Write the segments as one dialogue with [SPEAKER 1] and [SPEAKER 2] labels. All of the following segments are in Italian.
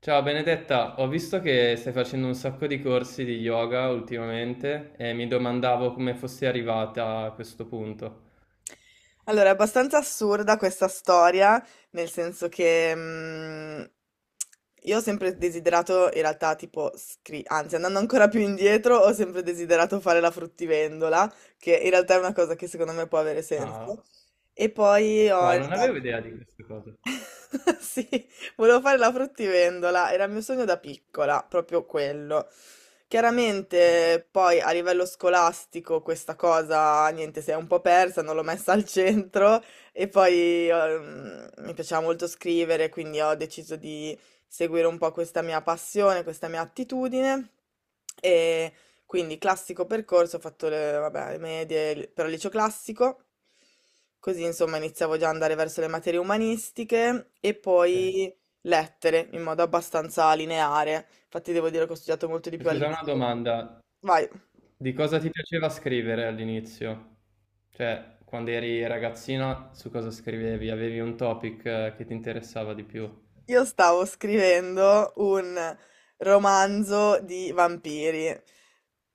[SPEAKER 1] Ciao Benedetta, ho visto che stai facendo un sacco di corsi di yoga ultimamente e mi domandavo come fossi arrivata a questo punto.
[SPEAKER 2] Allora, è abbastanza assurda questa storia, nel senso che io ho sempre desiderato, in realtà, tipo, andando ancora più indietro, ho sempre desiderato fare la fruttivendola, che in realtà è una cosa che secondo me può avere
[SPEAKER 1] Ah,
[SPEAKER 2] senso. E poi ho
[SPEAKER 1] wow,
[SPEAKER 2] in
[SPEAKER 1] non avevo
[SPEAKER 2] realtà
[SPEAKER 1] idea di queste cose.
[SPEAKER 2] Sì, volevo fare la fruttivendola, era il mio sogno da piccola, proprio quello. Chiaramente poi a livello scolastico questa cosa, niente, si è un po' persa, non l'ho messa al centro e poi mi piaceva molto scrivere, quindi ho deciso di seguire un po' questa mia passione, questa mia attitudine, quindi classico percorso, ho fatto le, vabbè, le medie, però liceo classico, così insomma iniziavo già ad andare verso le materie umanistiche e
[SPEAKER 1] Ok.
[SPEAKER 2] poi lettere in modo abbastanza lineare. Infatti devo dire che ho studiato molto di
[SPEAKER 1] E
[SPEAKER 2] più al
[SPEAKER 1] scusa, una
[SPEAKER 2] liceo.
[SPEAKER 1] domanda.
[SPEAKER 2] Vai.
[SPEAKER 1] Di cosa ti piaceva scrivere all'inizio? Cioè, quando eri ragazzina, su cosa scrivevi? Avevi un topic che ti interessava di più?
[SPEAKER 2] Io stavo scrivendo un romanzo di vampiri.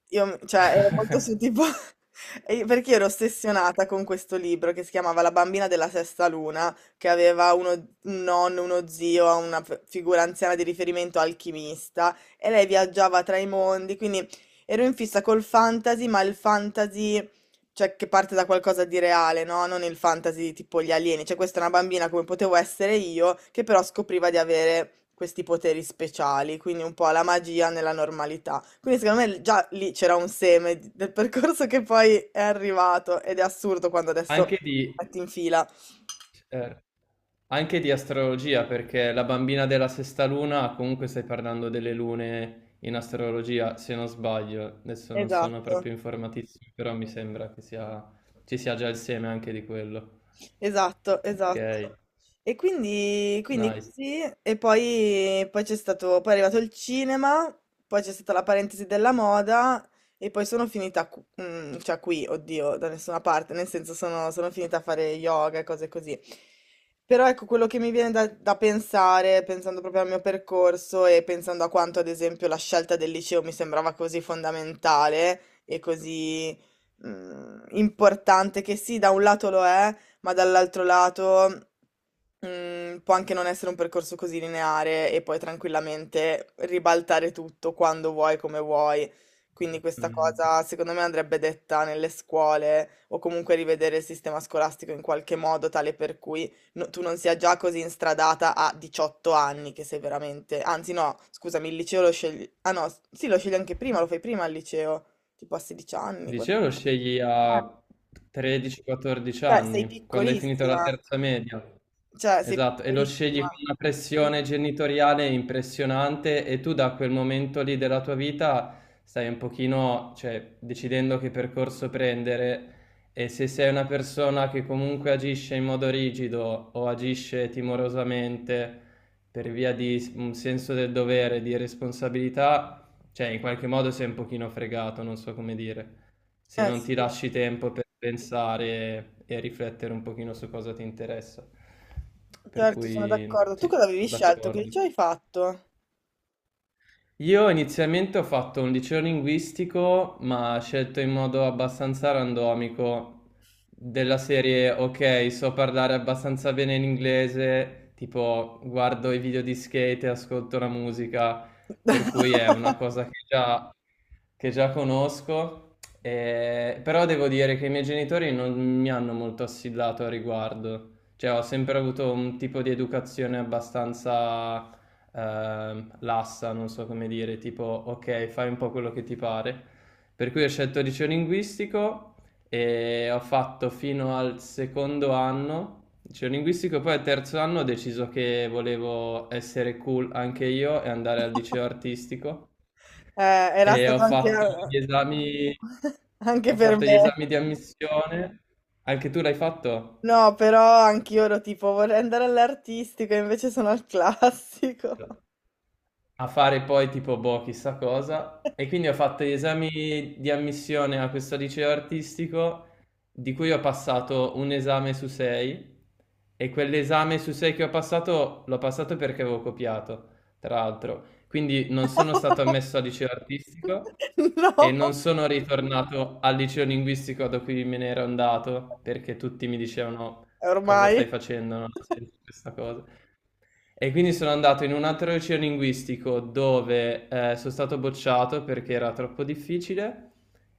[SPEAKER 2] Io, cioè, ero molto su tipo... Perché ero ossessionata con questo libro che si chiamava La bambina della sesta luna, che aveva uno, un nonno, uno zio, una figura anziana di riferimento alchimista, e lei viaggiava tra i mondi, quindi ero in fissa col fantasy, ma il fantasy, cioè che parte da qualcosa di reale, no? Non il fantasy tipo gli alieni. Cioè, questa è una bambina come potevo essere io, che però scopriva di avere questi poteri speciali, quindi un po' la magia nella normalità. Quindi secondo me già lì c'era un seme del percorso che poi è arrivato ed è assurdo quando adesso
[SPEAKER 1] Anche di,
[SPEAKER 2] metti in fila.
[SPEAKER 1] certo. Anche di astrologia, perché la bambina della sesta luna, comunque stai parlando delle lune in astrologia, se non sbaglio. Adesso non sono
[SPEAKER 2] Esatto.
[SPEAKER 1] proprio informatissimo, però mi sembra che sia, ci sia già il seme anche di quello.
[SPEAKER 2] Esatto,
[SPEAKER 1] Ok,
[SPEAKER 2] esatto. E quindi, quindi
[SPEAKER 1] nice.
[SPEAKER 2] così, e poi, poi c'è stato, poi è arrivato il cinema, poi c'è stata la parentesi della moda e poi sono finita, cioè qui, oddio, da nessuna parte, nel senso sono, sono finita a fare yoga e cose così. Però ecco, quello che mi viene da, da pensare, pensando proprio al mio percorso e pensando a quanto, ad esempio, la scelta del liceo mi sembrava così fondamentale e così, importante, che sì, da un lato lo è, ma dall'altro lato può anche non essere un percorso così lineare e poi tranquillamente ribaltare tutto quando vuoi, come vuoi. Quindi questa cosa secondo me andrebbe detta nelle scuole o comunque rivedere il sistema scolastico in qualche modo tale per cui tu non sia già così instradata a 18 anni che sei veramente... Anzi no, scusami, il liceo lo scegli... Ah no, sì, lo scegli anche prima, lo fai prima al liceo, tipo a 16
[SPEAKER 1] Il
[SPEAKER 2] anni.
[SPEAKER 1] liceo lo scegli a 13-14
[SPEAKER 2] Cioè, sei
[SPEAKER 1] anni, quando hai finito la
[SPEAKER 2] piccolissima.
[SPEAKER 1] terza media.
[SPEAKER 2] Cioè, sei
[SPEAKER 1] Esatto, e lo scegli con
[SPEAKER 2] piccolissima.
[SPEAKER 1] una pressione genitoriale impressionante e tu da quel momento lì della tua vita stai un pochino, cioè, decidendo che percorso prendere e se sei una persona che comunque agisce in modo rigido o agisce timorosamente per via di un senso del dovere, di responsabilità, cioè in qualche modo sei un pochino fregato, non so come dire se
[SPEAKER 2] Eh
[SPEAKER 1] non ti
[SPEAKER 2] sì,
[SPEAKER 1] lasci tempo per pensare e riflettere un pochino su cosa ti interessa. Per
[SPEAKER 2] certo, sono
[SPEAKER 1] cui
[SPEAKER 2] d'accordo. Tu
[SPEAKER 1] sì,
[SPEAKER 2] cosa avevi
[SPEAKER 1] sono
[SPEAKER 2] scelto? Che
[SPEAKER 1] d'accordo.
[SPEAKER 2] liceo hai fatto?
[SPEAKER 1] Io inizialmente ho fatto un liceo linguistico, ma scelto in modo abbastanza randomico, della serie, ok, so parlare abbastanza bene l'inglese, tipo guardo i video di skate e ascolto la musica, per cui è una cosa che già conosco, però devo dire che i miei genitori non mi hanno molto assillato a riguardo, cioè ho sempre avuto un tipo di educazione abbastanza lassa, non so come dire, tipo ok, fai un po' quello che ti pare. Per cui ho scelto liceo linguistico e ho fatto fino al secondo anno liceo linguistico, poi al terzo anno ho deciso che volevo essere cool anche io e andare al liceo artistico
[SPEAKER 2] Eh, era
[SPEAKER 1] e ho
[SPEAKER 2] stato anche,
[SPEAKER 1] fatto gli esami,
[SPEAKER 2] anche
[SPEAKER 1] ho
[SPEAKER 2] per
[SPEAKER 1] fatto gli
[SPEAKER 2] me.
[SPEAKER 1] esami di ammissione. Anche tu l'hai fatto?
[SPEAKER 2] No, però anch'io ero tipo, vorrei andare all'artistico, e invece sono al classico.
[SPEAKER 1] A fare poi tipo boh, chissà cosa. E quindi ho fatto gli esami di ammissione a questo liceo artistico, di cui ho passato un esame su sei. E quell'esame su sei che ho passato, l'ho passato perché avevo copiato, tra l'altro. Quindi non sono stato ammesso al liceo artistico e
[SPEAKER 2] No,
[SPEAKER 1] non sono ritornato al liceo linguistico da cui me ne ero andato, perché tutti mi dicevano cosa stai
[SPEAKER 2] ormai.
[SPEAKER 1] facendo, non ha senso questa cosa. E quindi sono andato in un altro liceo linguistico dove sono stato bocciato perché era troppo difficile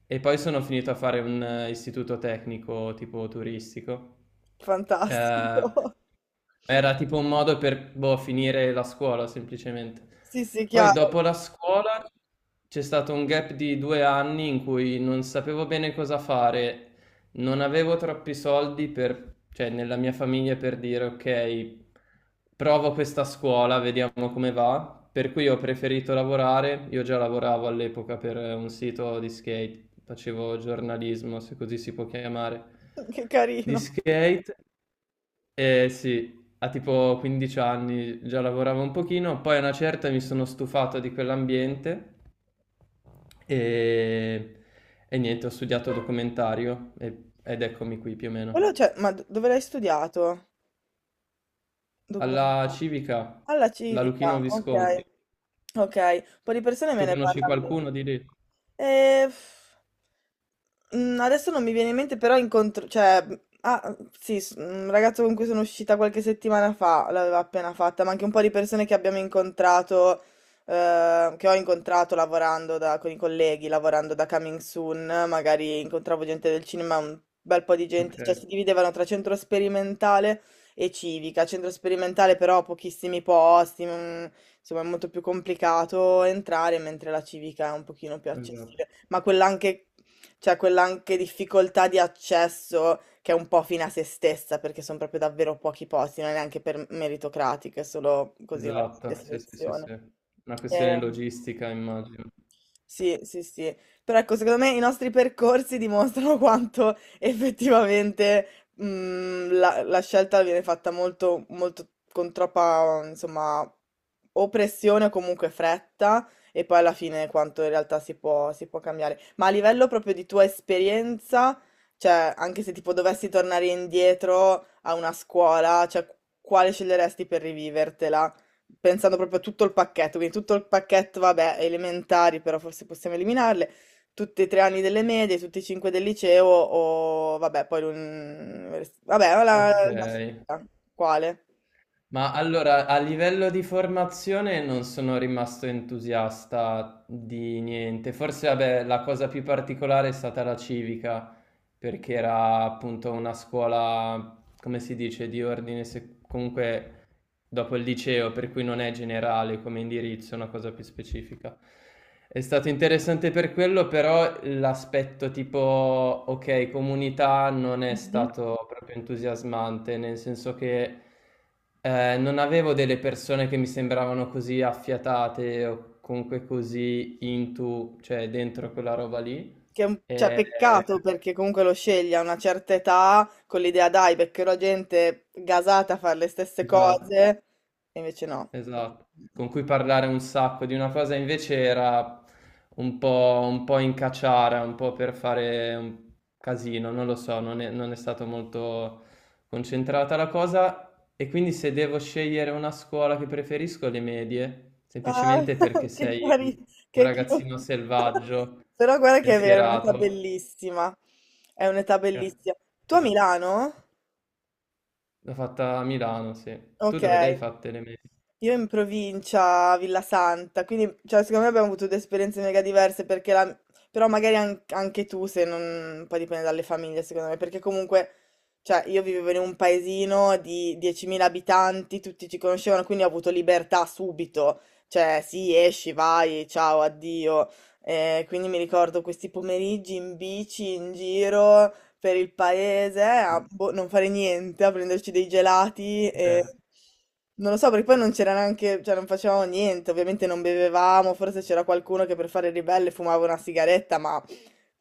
[SPEAKER 1] e poi sono finito a fare un istituto tecnico tipo turistico. Eh,
[SPEAKER 2] Fantastico.
[SPEAKER 1] Era tipo un modo per, boh, finire la scuola semplicemente.
[SPEAKER 2] Sì, sì,
[SPEAKER 1] Poi dopo
[SPEAKER 2] chiaro.
[SPEAKER 1] la scuola c'è stato un gap di 2 anni in cui non sapevo bene cosa fare, non avevo troppi soldi per, cioè, nella mia famiglia per dire ok, provo questa scuola, vediamo come va. Per cui ho preferito lavorare, io già lavoravo all'epoca per un sito di skate, facevo giornalismo, se così si può chiamare,
[SPEAKER 2] Che
[SPEAKER 1] di
[SPEAKER 2] carino.
[SPEAKER 1] skate. Eh sì, a tipo 15 anni già lavoravo un pochino, poi a una certa mi sono stufato di quell'ambiente e, e niente, ho studiato documentario ed eccomi qui più o meno.
[SPEAKER 2] Quello, cioè, ma dove l'hai studiato?
[SPEAKER 1] Alla
[SPEAKER 2] Documentale.
[SPEAKER 1] Civica,
[SPEAKER 2] Alla
[SPEAKER 1] da Luchino
[SPEAKER 2] civica,
[SPEAKER 1] Visconti.
[SPEAKER 2] ok. Okay, un po' di persone me
[SPEAKER 1] Tu
[SPEAKER 2] ne
[SPEAKER 1] conosci
[SPEAKER 2] parlan bene.
[SPEAKER 1] qualcuno di lì?
[SPEAKER 2] Ehm, mhmm, adesso non mi viene in mente, però incontr cioè, mhmm, ah, sì, s un ragazzo con cui sono uscita qualche settimana fa l'aveva appena fatta, ma anche un po' di persone che abbiamo incontrato, che ho incontrato lavorando da con i colleghi, lavorando da Coming Soon, magari incontravo gente del cinema, un bel po' di gente,
[SPEAKER 1] Ok,
[SPEAKER 2] cioè si dividevano tra centro sperimentale e civica. Centro sperimentale però pochissimi posti, non insomma è molto più complicato entrare, mentre la civica è un pochino più
[SPEAKER 1] esatto.
[SPEAKER 2] accessibile, ma quella anche, cioè quella anche difficoltà di accesso che è un po' fine a se stessa, perché sono proprio davvero pochi posti, non è neanche per meritocratiche, è solo così una
[SPEAKER 1] Esatto, sì, sì, sì,
[SPEAKER 2] selezione.
[SPEAKER 1] sì. Una questione
[SPEAKER 2] Eh,
[SPEAKER 1] logistica, immagino.
[SPEAKER 2] sì, sì, sì. Però ecco, secondo me i nostri percorsi dimostrano quanto effettivamente la scelta viene fatta molto, molto con troppa, insomma, o pressione o comunque fretta, e poi alla fine quanto in realtà si può cambiare. Ma a livello proprio di tua esperienza, cioè, anche se tipo dovessi tornare indietro a una scuola, cioè, quale sceglieresti per rivivertela? Pensando proprio a tutto il pacchetto, quindi tutto il pacchetto, vabbè, elementari, però forse possiamo eliminarle, tutti e tre anni delle medie, tutti e cinque del liceo, o vabbè, poi l'università. Vabbè,
[SPEAKER 1] Ok,
[SPEAKER 2] la- quale?
[SPEAKER 1] ma allora, a livello di formazione non sono rimasto entusiasta di niente. Forse, vabbè, la cosa più particolare è stata la civica, perché era appunto una scuola, come si dice, di ordine, comunque dopo il liceo, per cui non è generale come indirizzo, è una cosa più specifica. È stato interessante per quello, però l'aspetto tipo, ok, comunità non è
[SPEAKER 2] Mhm.
[SPEAKER 1] stato proprio entusiasmante, nel senso che non avevo delle persone che mi sembravano così affiatate o comunque così into, cioè dentro quella roba lì.
[SPEAKER 2] Che è un, cioè,
[SPEAKER 1] E,
[SPEAKER 2] peccato perché comunque lo scegli a una certa età con l'idea, dai, beccherò gente gasata a fare le stesse
[SPEAKER 1] eh,
[SPEAKER 2] cose, e invece no.
[SPEAKER 1] Esatto, con cui parlare un sacco di una cosa invece era un po', in cacciara, un po' per fare un casino, non lo so, non è stata molto concentrata la cosa e quindi se devo scegliere una scuola che preferisco le medie,
[SPEAKER 2] Ah,
[SPEAKER 1] semplicemente perché
[SPEAKER 2] che
[SPEAKER 1] sei un
[SPEAKER 2] carino,
[SPEAKER 1] un
[SPEAKER 2] che
[SPEAKER 1] ragazzino
[SPEAKER 2] cute.
[SPEAKER 1] selvaggio,
[SPEAKER 2] Però guarda che è vero, è un'età
[SPEAKER 1] pensierato,
[SPEAKER 2] bellissima. È un'età
[SPEAKER 1] che-
[SPEAKER 2] bellissima. Tu a
[SPEAKER 1] esatto.
[SPEAKER 2] Milano?
[SPEAKER 1] L'ho fatta a Milano, sì. Tu
[SPEAKER 2] Ok.
[SPEAKER 1] dove l'hai fatte le medie?
[SPEAKER 2] Io in provincia, a Villa Santa, quindi cioè, secondo me abbiamo avuto due esperienze mega diverse, perché però magari anche tu, se non... poi dipende dalle famiglie, secondo me, perché comunque, cioè, io vivevo in un paesino di 10.000 abitanti, tutti ci conoscevano, quindi ho avuto libertà subito, cioè, sì, esci, vai, ciao, addio. Quindi mi ricordo questi pomeriggi in bici, in giro, per il paese, a boh, non fare niente, a prenderci dei gelati e...
[SPEAKER 1] Cioè,
[SPEAKER 2] Non lo so, perché poi non c'era neanche, cioè non facevamo niente, ovviamente non bevevamo, forse c'era qualcuno che per fare il ribelle fumava una sigaretta, ma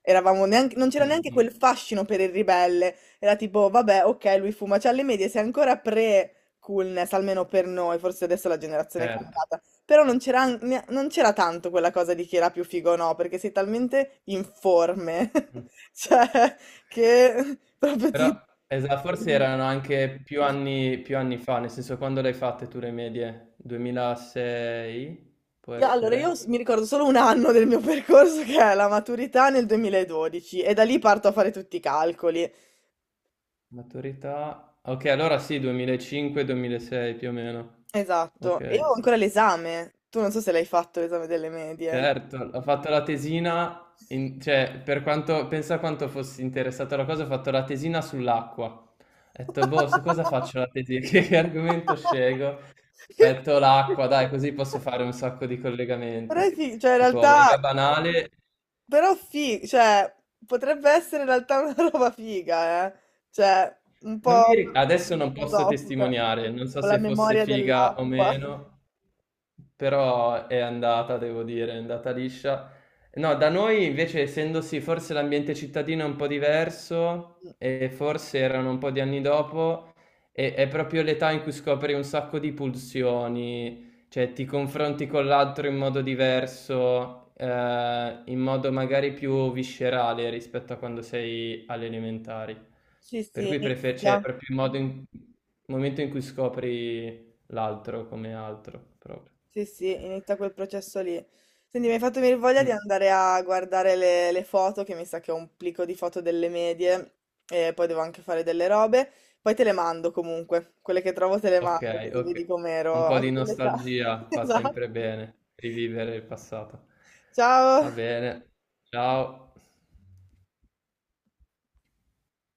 [SPEAKER 2] eravamo neanche, non c'era
[SPEAKER 1] mm,
[SPEAKER 2] neanche
[SPEAKER 1] mm,
[SPEAKER 2] quel fascino per il ribelle, era tipo, vabbè, ok, lui fuma, cioè alle medie sei ancora pre-coolness, almeno per noi, forse adesso la generazione è
[SPEAKER 1] certo.
[SPEAKER 2] cambiata, però non c'era non c'era tanto quella cosa di chi era più figo o no, perché sei talmente informe,
[SPEAKER 1] Mh.
[SPEAKER 2] cioè che proprio ti...
[SPEAKER 1] Però esa forse erano anche più anni fa, nel senso quando le hai fatte tu le medie? 2006? Può
[SPEAKER 2] Allora, io
[SPEAKER 1] essere?
[SPEAKER 2] mi ricordo solo un anno del mio percorso che è la maturità nel 2012 e da lì parto a fare tutti i calcoli.
[SPEAKER 1] Maturità okay, allora sì, 2005, 2006 più o meno.
[SPEAKER 2] Esatto. E io
[SPEAKER 1] Okay,
[SPEAKER 2] ho
[SPEAKER 1] sì,
[SPEAKER 2] ancora
[SPEAKER 1] sì.
[SPEAKER 2] l'esame. Tu non so se l'hai fatto l'esame delle medie.
[SPEAKER 1] Certo, ho fatto la tesina in cioè per quanto pensa quanto fossi interessato alla cosa, ho fatto la tesina sull'acqua. Ho detto: "Boh, su cosa faccio la tesi che argomento scelgo?" Metto l'acqua, dai, così posso fare un sacco di
[SPEAKER 2] Però
[SPEAKER 1] collegamenti.
[SPEAKER 2] sì, cioè in
[SPEAKER 1] Tipo,
[SPEAKER 2] realtà
[SPEAKER 1] mega banale.
[SPEAKER 2] Cioè, potrebbe essere in realtà una roba figa, eh. Cioè, un
[SPEAKER 1] Non
[SPEAKER 2] po'
[SPEAKER 1] mi ri- Adesso non posso
[SPEAKER 2] filosofica,
[SPEAKER 1] testimoniare, non so
[SPEAKER 2] con la
[SPEAKER 1] se fosse
[SPEAKER 2] memoria
[SPEAKER 1] figa o
[SPEAKER 2] dell'acqua.
[SPEAKER 1] meno, però è andata, devo dire, è andata liscia. No, da noi invece, essendosi forse l'ambiente cittadino è un po' diverso,
[SPEAKER 2] Mm.
[SPEAKER 1] e forse erano un po' di anni dopo, è proprio l'età in cui scopri un sacco di pulsioni, cioè, ti confronti con l'altro in modo diverso, in modo magari più viscerale rispetto a quando sei alle elementari.
[SPEAKER 2] Sì,
[SPEAKER 1] Per
[SPEAKER 2] sì,
[SPEAKER 1] cui cioè, è
[SPEAKER 2] inizia.
[SPEAKER 1] proprio il momento in cui scopri l'altro come altro, proprio.
[SPEAKER 2] Sì, sì, inizia quel processo lì. Senti, mi hai fatto venire voglia di
[SPEAKER 1] Mm,
[SPEAKER 2] andare a guardare le foto, che mi sa che ho un plico di foto delle medie, e poi devo anche fare delle robe. Poi te le mando comunque, quelle che trovo te le
[SPEAKER 1] ok,
[SPEAKER 2] mando, così vedi
[SPEAKER 1] ok. Un
[SPEAKER 2] com'ero
[SPEAKER 1] po'
[SPEAKER 2] a
[SPEAKER 1] di
[SPEAKER 2] quell'età.
[SPEAKER 1] nostalgia fa
[SPEAKER 2] Esatto.
[SPEAKER 1] sempre bene, rivivere il passato. Va
[SPEAKER 2] Ciao!
[SPEAKER 1] bene, ciao.